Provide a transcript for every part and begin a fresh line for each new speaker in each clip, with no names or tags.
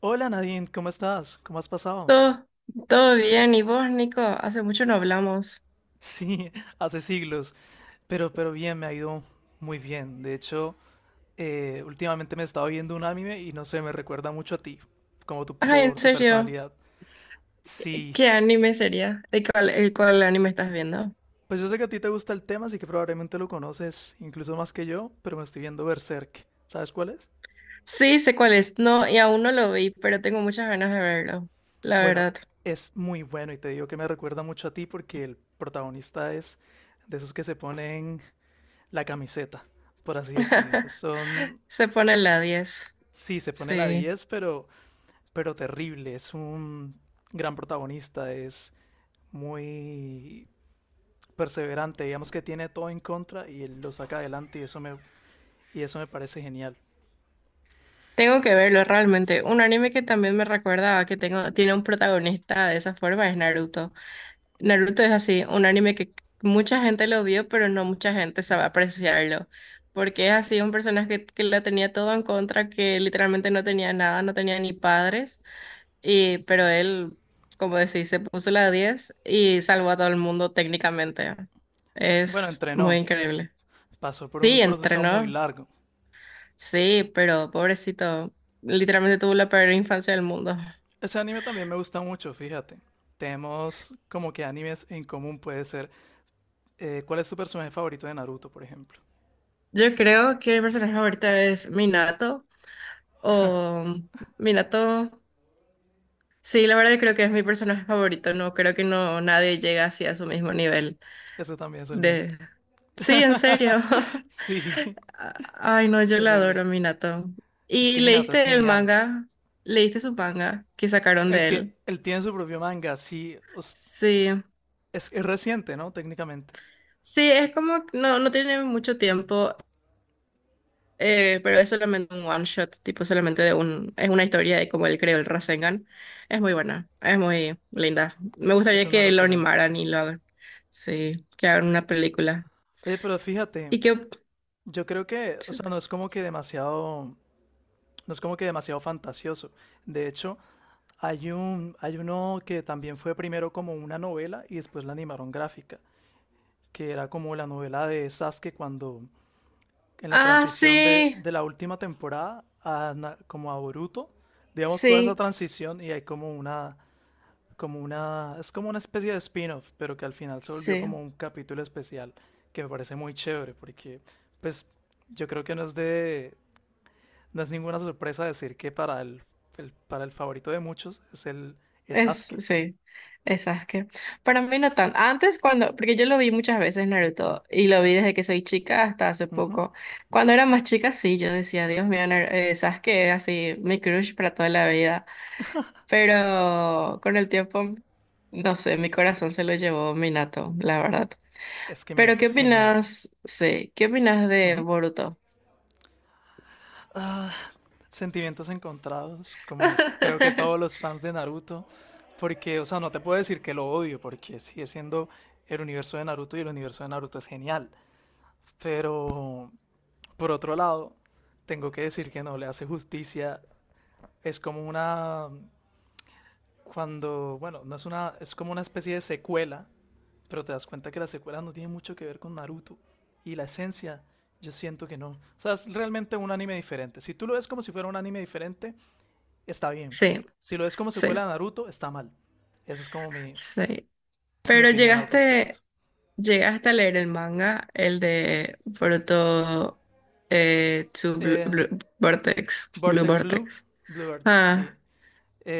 Hola, Nadine, ¿cómo estás? ¿Cómo has pasado?
Todo, todo bien. ¿Y vos, Nico? Hace mucho no hablamos.
Sí, hace siglos, pero bien, me ha ido muy bien. De hecho, últimamente me he estado viendo un anime y no sé, me recuerda mucho a ti, como tu,
Ay, en
por tu
serio,
personalidad. Sí,
¿qué anime sería? ¿El cuál anime estás viendo?
pues yo sé que a ti te gusta el tema, así que probablemente lo conoces incluso más que yo, pero me estoy viendo Berserk. ¿Sabes cuál es?
Sí, sé cuál es. No, y aún no lo vi, pero tengo muchas ganas de verlo, la
Bueno,
verdad.
es muy bueno y te digo que me recuerda mucho a ti porque el protagonista es de esos que se ponen la camiseta, por así decirlo. Son...
Se pone la 10.
Sí, se pone la
Sí.
10, pero, terrible. Es un gran protagonista, es muy perseverante, digamos que tiene todo en contra y él lo saca adelante y y eso me parece genial.
Tengo que verlo realmente. Un anime que también me recuerda a que tiene un protagonista de esa forma es Naruto. Naruto es así, un anime que mucha gente lo vio, pero no mucha gente sabe apreciarlo, porque es así un personaje que la tenía todo en contra, que literalmente no tenía nada, no tenía ni padres, pero él, como decís, se puso la 10 y salvó a todo el mundo técnicamente.
Bueno,
Es muy
entrenó,
increíble.
pasó por un
Sí,
proceso muy
entrenó,
largo.
sí, pero pobrecito, literalmente tuvo la peor infancia del mundo.
Ese anime también me gusta mucho, fíjate. Tenemos como que animes en común, puede ser. ¿Cuál es tu personaje favorito de Naruto, por ejemplo?
Yo creo que mi personaje ahorita es Minato o Minato. Sí, la verdad creo que es mi personaje favorito, no creo que no nadie llega así a su mismo nivel
Ese también es el mío.
de. Sí, en serio.
Sí,
Ay, no, yo la
terrible.
adoro, a Minato.
Es
¿Y
que Minato es
leíste el
genial.
manga? ¿Leíste su manga que sacaron
Él,
de él?
él tiene su propio manga, sí.
Sí.
Es reciente, ¿no? Técnicamente.
Sí, es como que no tiene mucho tiempo. Pero es solamente un one shot, tipo solamente es una historia de cómo él creó el Rasengan. Es muy buena, es muy linda. Me
Es
gustaría
una
que lo
locura.
animaran y lo hagan. Sí, que hagan una película.
Oye, pero fíjate,
Y que.
yo creo que, o sea, no es como que demasiado, no es como que demasiado fantasioso. De hecho, hay uno que también fue primero como una novela y después la animaron gráfica, que era como la novela de Sasuke cuando, en la
Ah,
transición de,
sí,
de la última temporada a, como a Boruto, digamos toda esa
sí,
transición y hay como una... Es como una especie de spin-off, pero que al final se volvió como
sí,
un capítulo especial, que me parece muy chévere, porque pues yo creo que no es ninguna sorpresa decir que para el favorito de muchos es Asuke.
sí, es Sasuke. Para mí no tan. Antes cuando, porque yo lo vi muchas veces Naruto y lo vi desde que soy chica hasta hace
Ujú.
poco. Cuando era más chica, sí, yo decía, Dios mío, Sasuke es así, mi crush para toda la vida. Pero con el tiempo, no sé, mi corazón se lo llevó Minato, la verdad.
Es que
Pero
Minato
¿qué
es genial.
opinas? Sí, ¿qué opinas de
Ujú.
Boruto?
Ah, sentimientos encontrados, como creo que todos los fans de Naruto, porque, o sea, no te puedo decir que lo odio, porque sigue siendo el universo de Naruto y el universo de Naruto es genial, pero... Por otro lado, tengo que decir que no le hace justicia. Es como una, cuando, Bueno, no es una, es como una especie de secuela, pero te das cuenta que la secuela no tiene mucho que ver con Naruto. Y la esencia, yo siento que no. O sea, es realmente un anime diferente. Si tú lo ves como si fuera un anime diferente, está bien.
Sí,
Si lo ves como
sí,
secuela de Naruto, está mal. Esa es como mi,
sí.
mi
Pero
opinión al respecto.
llegaste a leer el manga, el de Boruto
Eh,
Blue Vortex,
Vortex Blue, Blue Vortex, sí.
Ah,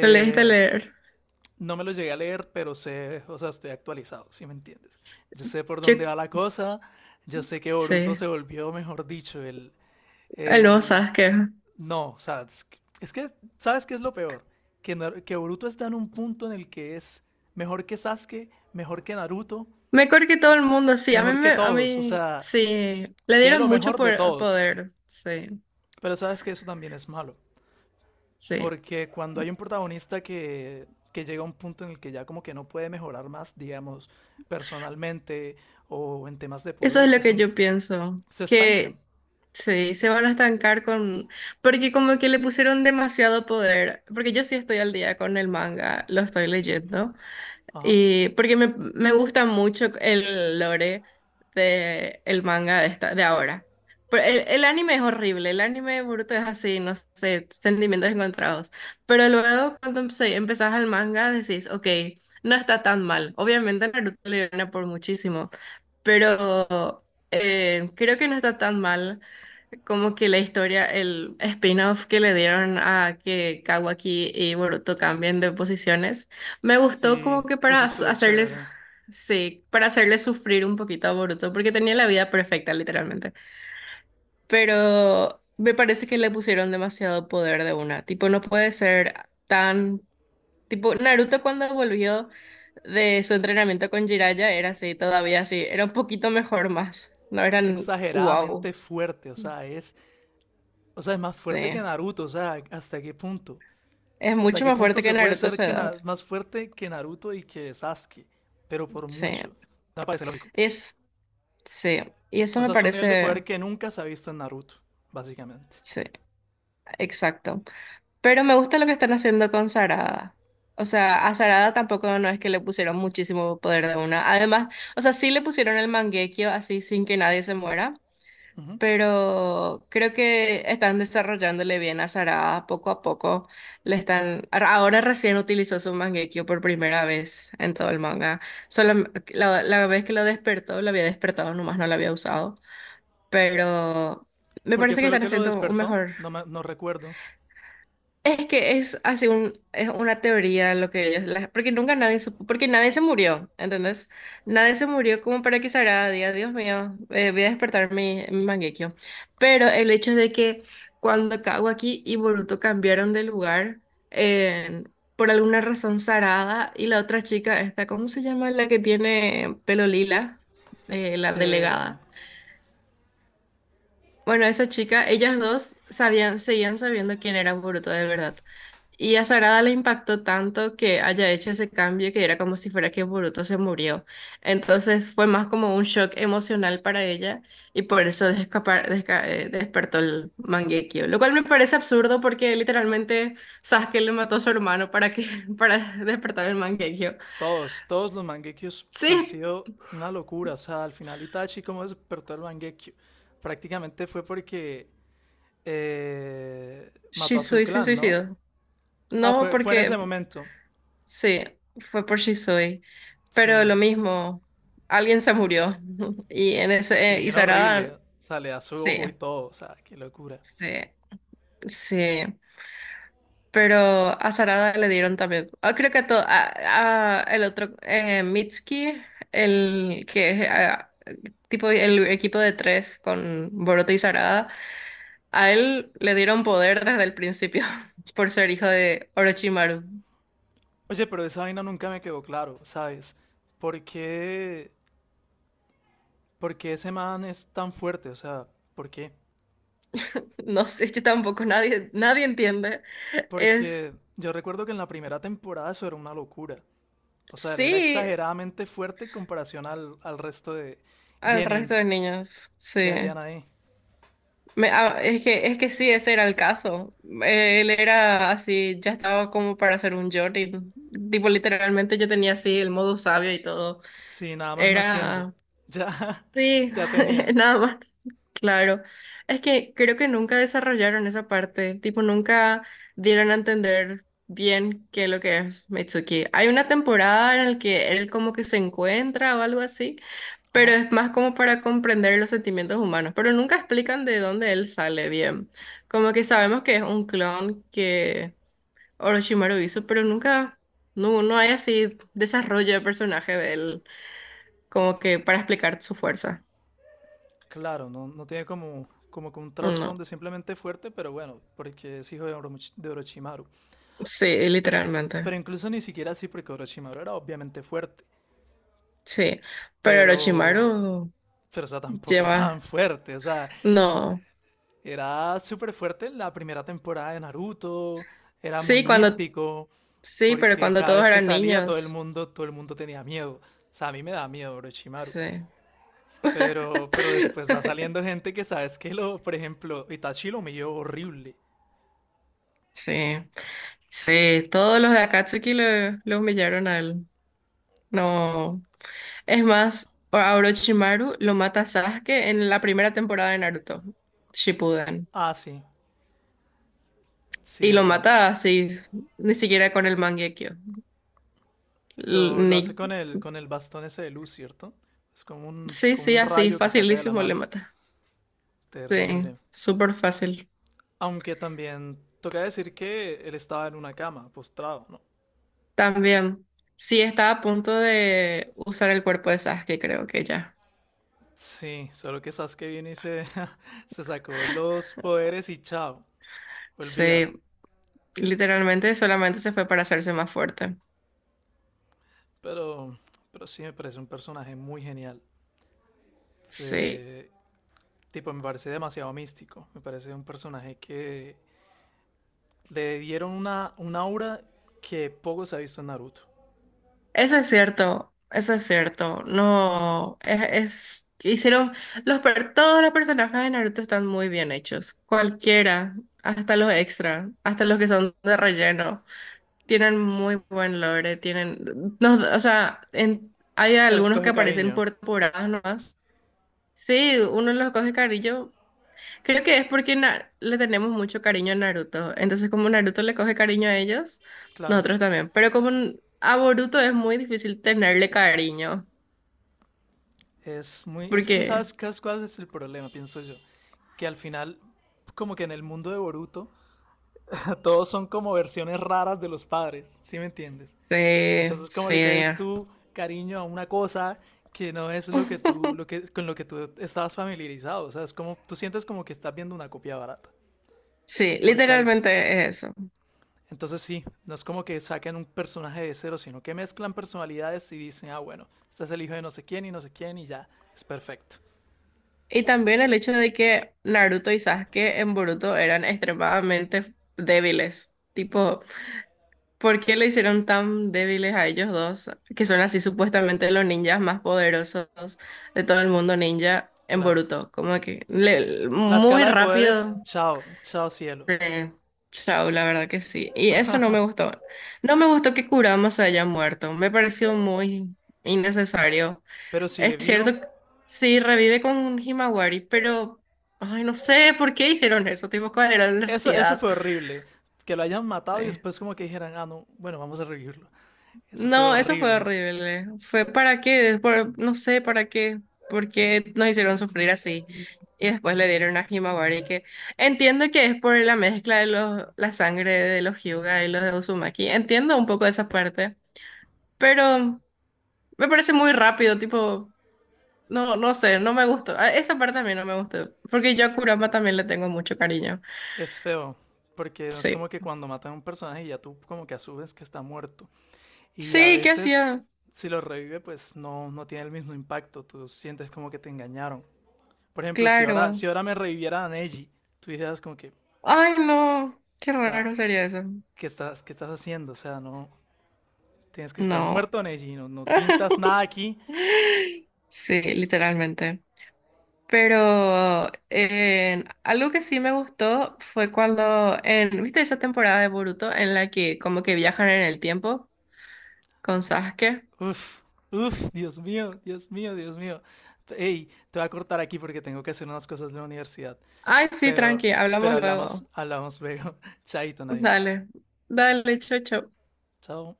lo leíste a leer.
no me lo llegué a leer, pero sé, o sea, estoy actualizado, si me entiendes. Yo sé por dónde
Yo-
va la cosa, yo sé que
sí,
Boruto se volvió, mejor dicho,
el nuevo
el...
Sasuke.
No, o sea, es que... ¿Sabes qué es lo peor? Que, que Boruto está en un punto en el que es mejor que Sasuke, mejor que Naruto,
Mejor que todo el mundo, sí. A mí,
mejor que
me, a
todos, o
mí,
sea,
sí. Le
tiene
dieron
lo
mucho
mejor de todos.
poder, sí,
Pero sabes que eso también es malo.
sí.
Porque cuando hay un protagonista que llega a un punto en el que ya como que no puede mejorar más, digamos, personalmente o en temas de
Eso es
poder,
lo
es
que
un...
yo pienso.
se estanca.
Que sí, se van a estancar con. Porque como que le pusieron demasiado poder. Porque yo sí estoy al día con el manga, lo estoy leyendo.
Ajá.
Y porque me gusta mucho el lore de el manga de ahora. Pero el anime es horrible, el anime bruto es así, no sé, sentimientos encontrados. Pero luego cuando empezás al manga decís, ok, no está tan mal. Obviamente Naruto le gana por muchísimo, pero creo que no está tan mal como que la historia, el spin-off que le dieron a que Kawaki y Boruto cambien de posiciones, me gustó
Sí,
como que para
eso estuvo
hacerles,
chévere.
sí, para hacerles sufrir un poquito a Boruto, porque tenía la vida perfecta, literalmente. Pero me parece que le pusieron demasiado poder de una, tipo, no puede ser tan. Tipo, Naruto cuando volvió de su entrenamiento con Jiraiya era así, todavía así, era un poquito mejor más, no
Es
eran wow.
exageradamente fuerte, o sea, es más
Sí.
fuerte que Naruto, o sea, ¿hasta qué punto?
Es
¿Hasta
mucho
qué
más
punto
fuerte que
se puede
Naruto a
ser
su edad.
más fuerte que Naruto y que Sasuke? Pero por
Sí.
mucho. No me parece lógico.
Es, sí. Y eso
O
me
sea, es un nivel de poder
parece,
que nunca se ha visto en Naruto, básicamente.
sí, exacto. Pero me gusta lo que están haciendo con Sarada. O sea, a Sarada tampoco no es que le pusieron muchísimo poder de una. Además, o sea, sí le pusieron el Mangekyo así sin que nadie se muera.
Ujú.
Pero creo que están desarrollándole bien a Sarada poco a poco. Le están, ahora recién utilizó su Mangekyo por primera vez en todo el manga. Solo, la vez que lo despertó, lo había despertado nomás, no lo había usado. Pero me
Porque
parece que
fue lo
están
que lo
haciendo un
despertó,
mejor,
no, no recuerdo.
es que es así un, es una teoría lo que ellos, porque nunca nadie supo, porque nadie se murió, ¿entendés? Nadie se murió como para que Sarada diga, Dios mío, voy a despertar mi Mangekyou". Pero el hecho de que cuando Kawaki y Boruto cambiaron de lugar, eh, por alguna razón Sarada y la otra chica, esta, ¿cómo se llama? La que tiene pelo lila, la
Eh,
delegada. Bueno, esa chica, ellas dos sabían, seguían sabiendo quién era Boruto de verdad. Y a Sarada le impactó tanto que haya hecho ese cambio que era como si fuera que Boruto se murió. Entonces fue más como un shock emocional para ella y por eso despertó el Mangekyo. Lo cual me parece absurdo porque literalmente Sasuke le mató a su hermano para que para despertar el Mangekyo.
todos los Mangekyous han
Sí,
sido una locura. O sea, al final Itachi, ¿cómo despertó el Mangekyo? Prácticamente fue porque mató a su
Shisui se
clan, ¿no?
suicidó.
Ah,
No,
fue en ese
porque
momento.
sí, fue por Shisui. Pero
Sí.
lo mismo, alguien se murió. Y en
Y
ese, eh, y
bien horrible.
Sarada,
O sea, le da su
sí,
ojo y todo. O sea, qué locura.
sí, sí. Pero a Sarada le dieron también. Ah, creo que a el otro, Mitsuki, el que es ah, tipo el equipo de tres con Boruto y Sarada, a él le dieron poder desde el principio por ser hijo de Orochimaru.
Oye, pero esa vaina nunca me quedó claro, ¿sabes? ¿Por qué, ¿por qué ese man es tan fuerte? O sea, ¿por qué?
No sé, yo tampoco, nadie entiende. Es
Porque yo recuerdo que en la primera temporada eso era una locura. O sea, era
Sí,
exageradamente fuerte en comparación al resto de
al resto de
Genins
niños,
que
sí.
habían ahí.
Es que sí, ese era el caso. Él era así, ya estaba como para hacer un Jordan. Tipo, literalmente yo tenía así el modo sabio y todo.
Sí, nada más naciendo.
Era,
Ya,
sí,
ya tenía.
nada más. Claro, es que creo que nunca desarrollaron esa parte, tipo nunca dieron a entender bien qué es lo que es Mitsuki. Hay una temporada en la que él como que se encuentra o algo así, pero
Ajá.
es más como para comprender los sentimientos humanos, pero nunca explican de dónde él sale bien. Como que sabemos que es un clon que Orochimaru hizo, pero nunca, no hay así desarrollo de personaje de él como que para explicar su fuerza.
Claro, no, no tiene como, como que un
No,
trasfondo simplemente fuerte, pero bueno, porque es hijo de, de Orochimaru.
sí,
Pero,
literalmente.
pero incluso ni siquiera así, porque Orochimaru era obviamente fuerte.
Sí, pero
Pero,
Orochimaru
pero, o sea, tampoco tan
lleva,
fuerte. O sea,
no,
era súper fuerte la primera temporada de Naruto, era
sí,
muy místico,
sí, pero
porque
cuando
cada
todos
vez que
eran
salía
niños,
todo el mundo tenía miedo. O sea, a mí me da miedo Orochimaru.
sí,
Pero después va saliendo gente que sabes que lo, por ejemplo, Itachi lo humilló horrible.
sí, sí, todos los de Akatsuki lo humillaron a él, no, es más, a Orochimaru lo mata Sasuke en la primera temporada de Naruto, Shippuden,
Ah, sí, sí,
y lo
verdad.
mata así, ni siquiera con el Mangekyo, L-
Lo
ni,
hace con el bastón ese de luz, ¿cierto? Es
sí,
como
sí,
un
así,
rayo que saca de la
facilísimo le
mano.
mata, sí,
Terrible.
súper fácil.
Aunque también toca decir que él estaba en una cama, postrado, ¿no?
También, sí está a punto de usar el cuerpo de Sasuke, creo que ya.
Sí, solo que Sasuke vino y se se sacó los poderes y chao,
Sí,
olvídalo.
literalmente solamente se fue para hacerse más fuerte.
Pero, pero sí me parece un personaje muy genial.
Sí,
Se- Tipo, me parece demasiado místico. Me parece un personaje que le dieron una aura que poco se ha visto en Naruto.
eso es cierto, eso es cierto. No, todos los personajes de Naruto están muy bien hechos. Cualquiera, hasta los extra, hasta los que son de relleno, tienen muy buen lore, tienen, no, o sea, hay
Se les
algunos que
coge
aparecen
cariño,
por temporadas nomás. Sí, uno los coge cariño. Creo que es porque le tenemos mucho cariño a Naruto. Entonces, como Naruto le coge cariño a ellos,
claro.
nosotros también. Pero como a Boruto es muy difícil tenerle cariño,
Es muy, es que
porque.
sabes qué cuál es el problema, pienso yo. Que al final, como que en el mundo de Boruto, todos son como versiones raras de los padres, ¿sí me entiendes?
Sí,
Entonces, ¿cómo le caes
sí,
tú cariño a una cosa que no es lo que tú, lo que, con lo que tú estabas familiarizado? O sea, es como, tú sientes como que estás viendo una copia barata.
sí,
Porque al,
literalmente es eso.
entonces sí, no es como que saquen un personaje de cero, sino que mezclan personalidades y dicen, ah, bueno, este es el hijo de no sé quién y no sé quién y ya, es perfecto.
Y también el hecho de que Naruto y Sasuke en Boruto eran extremadamente débiles. Tipo, ¿por qué le hicieron tan débiles a ellos dos, que son así supuestamente los ninjas más poderosos de todo el mundo ninja en
Claro.
Boruto? Como que
La
muy
escala de poderes,
rápido.
chao, chao cielo.
eh, chao, la verdad que sí. Y eso no me gustó. No me gustó que Kurama se haya muerto. Me pareció muy innecesario.
Pero
Es
sigue vivo.
cierto, que sí, revive con Himawari, pero. Ay, no sé por qué hicieron eso, tipo, ¿cuál era la
Eso
necesidad?
fue horrible. Que lo hayan matado y
Sí.
después como que dijeran, ah, no, bueno, vamos a revivirlo. Eso fue
No, eso fue
horrible.
horrible. Fue para qué, no sé para qué, porque nos hicieron sufrir así. Y después le dieron a Himawari que entiendo que es por la mezcla de la sangre de los Hyuga y los de Uzumaki. Entiendo un poco esa parte, pero me parece muy rápido, tipo, no sé, no me gustó. Esa parte a mí no me gustó, porque yo a Kurama también le tengo mucho cariño.
Es feo, porque no es como
Sí.
que cuando matan a un personaje ya tú como que asumes que está muerto. Y a
Sí, ¿qué
veces
hacía?
si lo revive pues no, no tiene el mismo impacto, tú sientes como que te engañaron. Por ejemplo, si ahora,
Claro.
si ahora me reviviera a Neji, tú dijeras como que, o
Ay, no, qué
sea,
raro sería eso.
¿qué estás haciendo? O sea, no, tienes que estar
No.
muerto, Neji, no, no pintas nada aquí.
Sí, literalmente. Pero algo que sí me gustó fue cuando, ¿viste esa temporada de Boruto en la que como que viajan en el tiempo con Sasuke?
Uf, uf, Dios mío, Dios mío, Dios mío. Ey, te voy a cortar aquí porque tengo que hacer unas cosas de la universidad.
Ay, sí,
Pero,
tranqui, hablamos
pero hablamos,
luego.
hablamos luego. Chaito, Nadim.
Dale, dale, chocho.
Chao.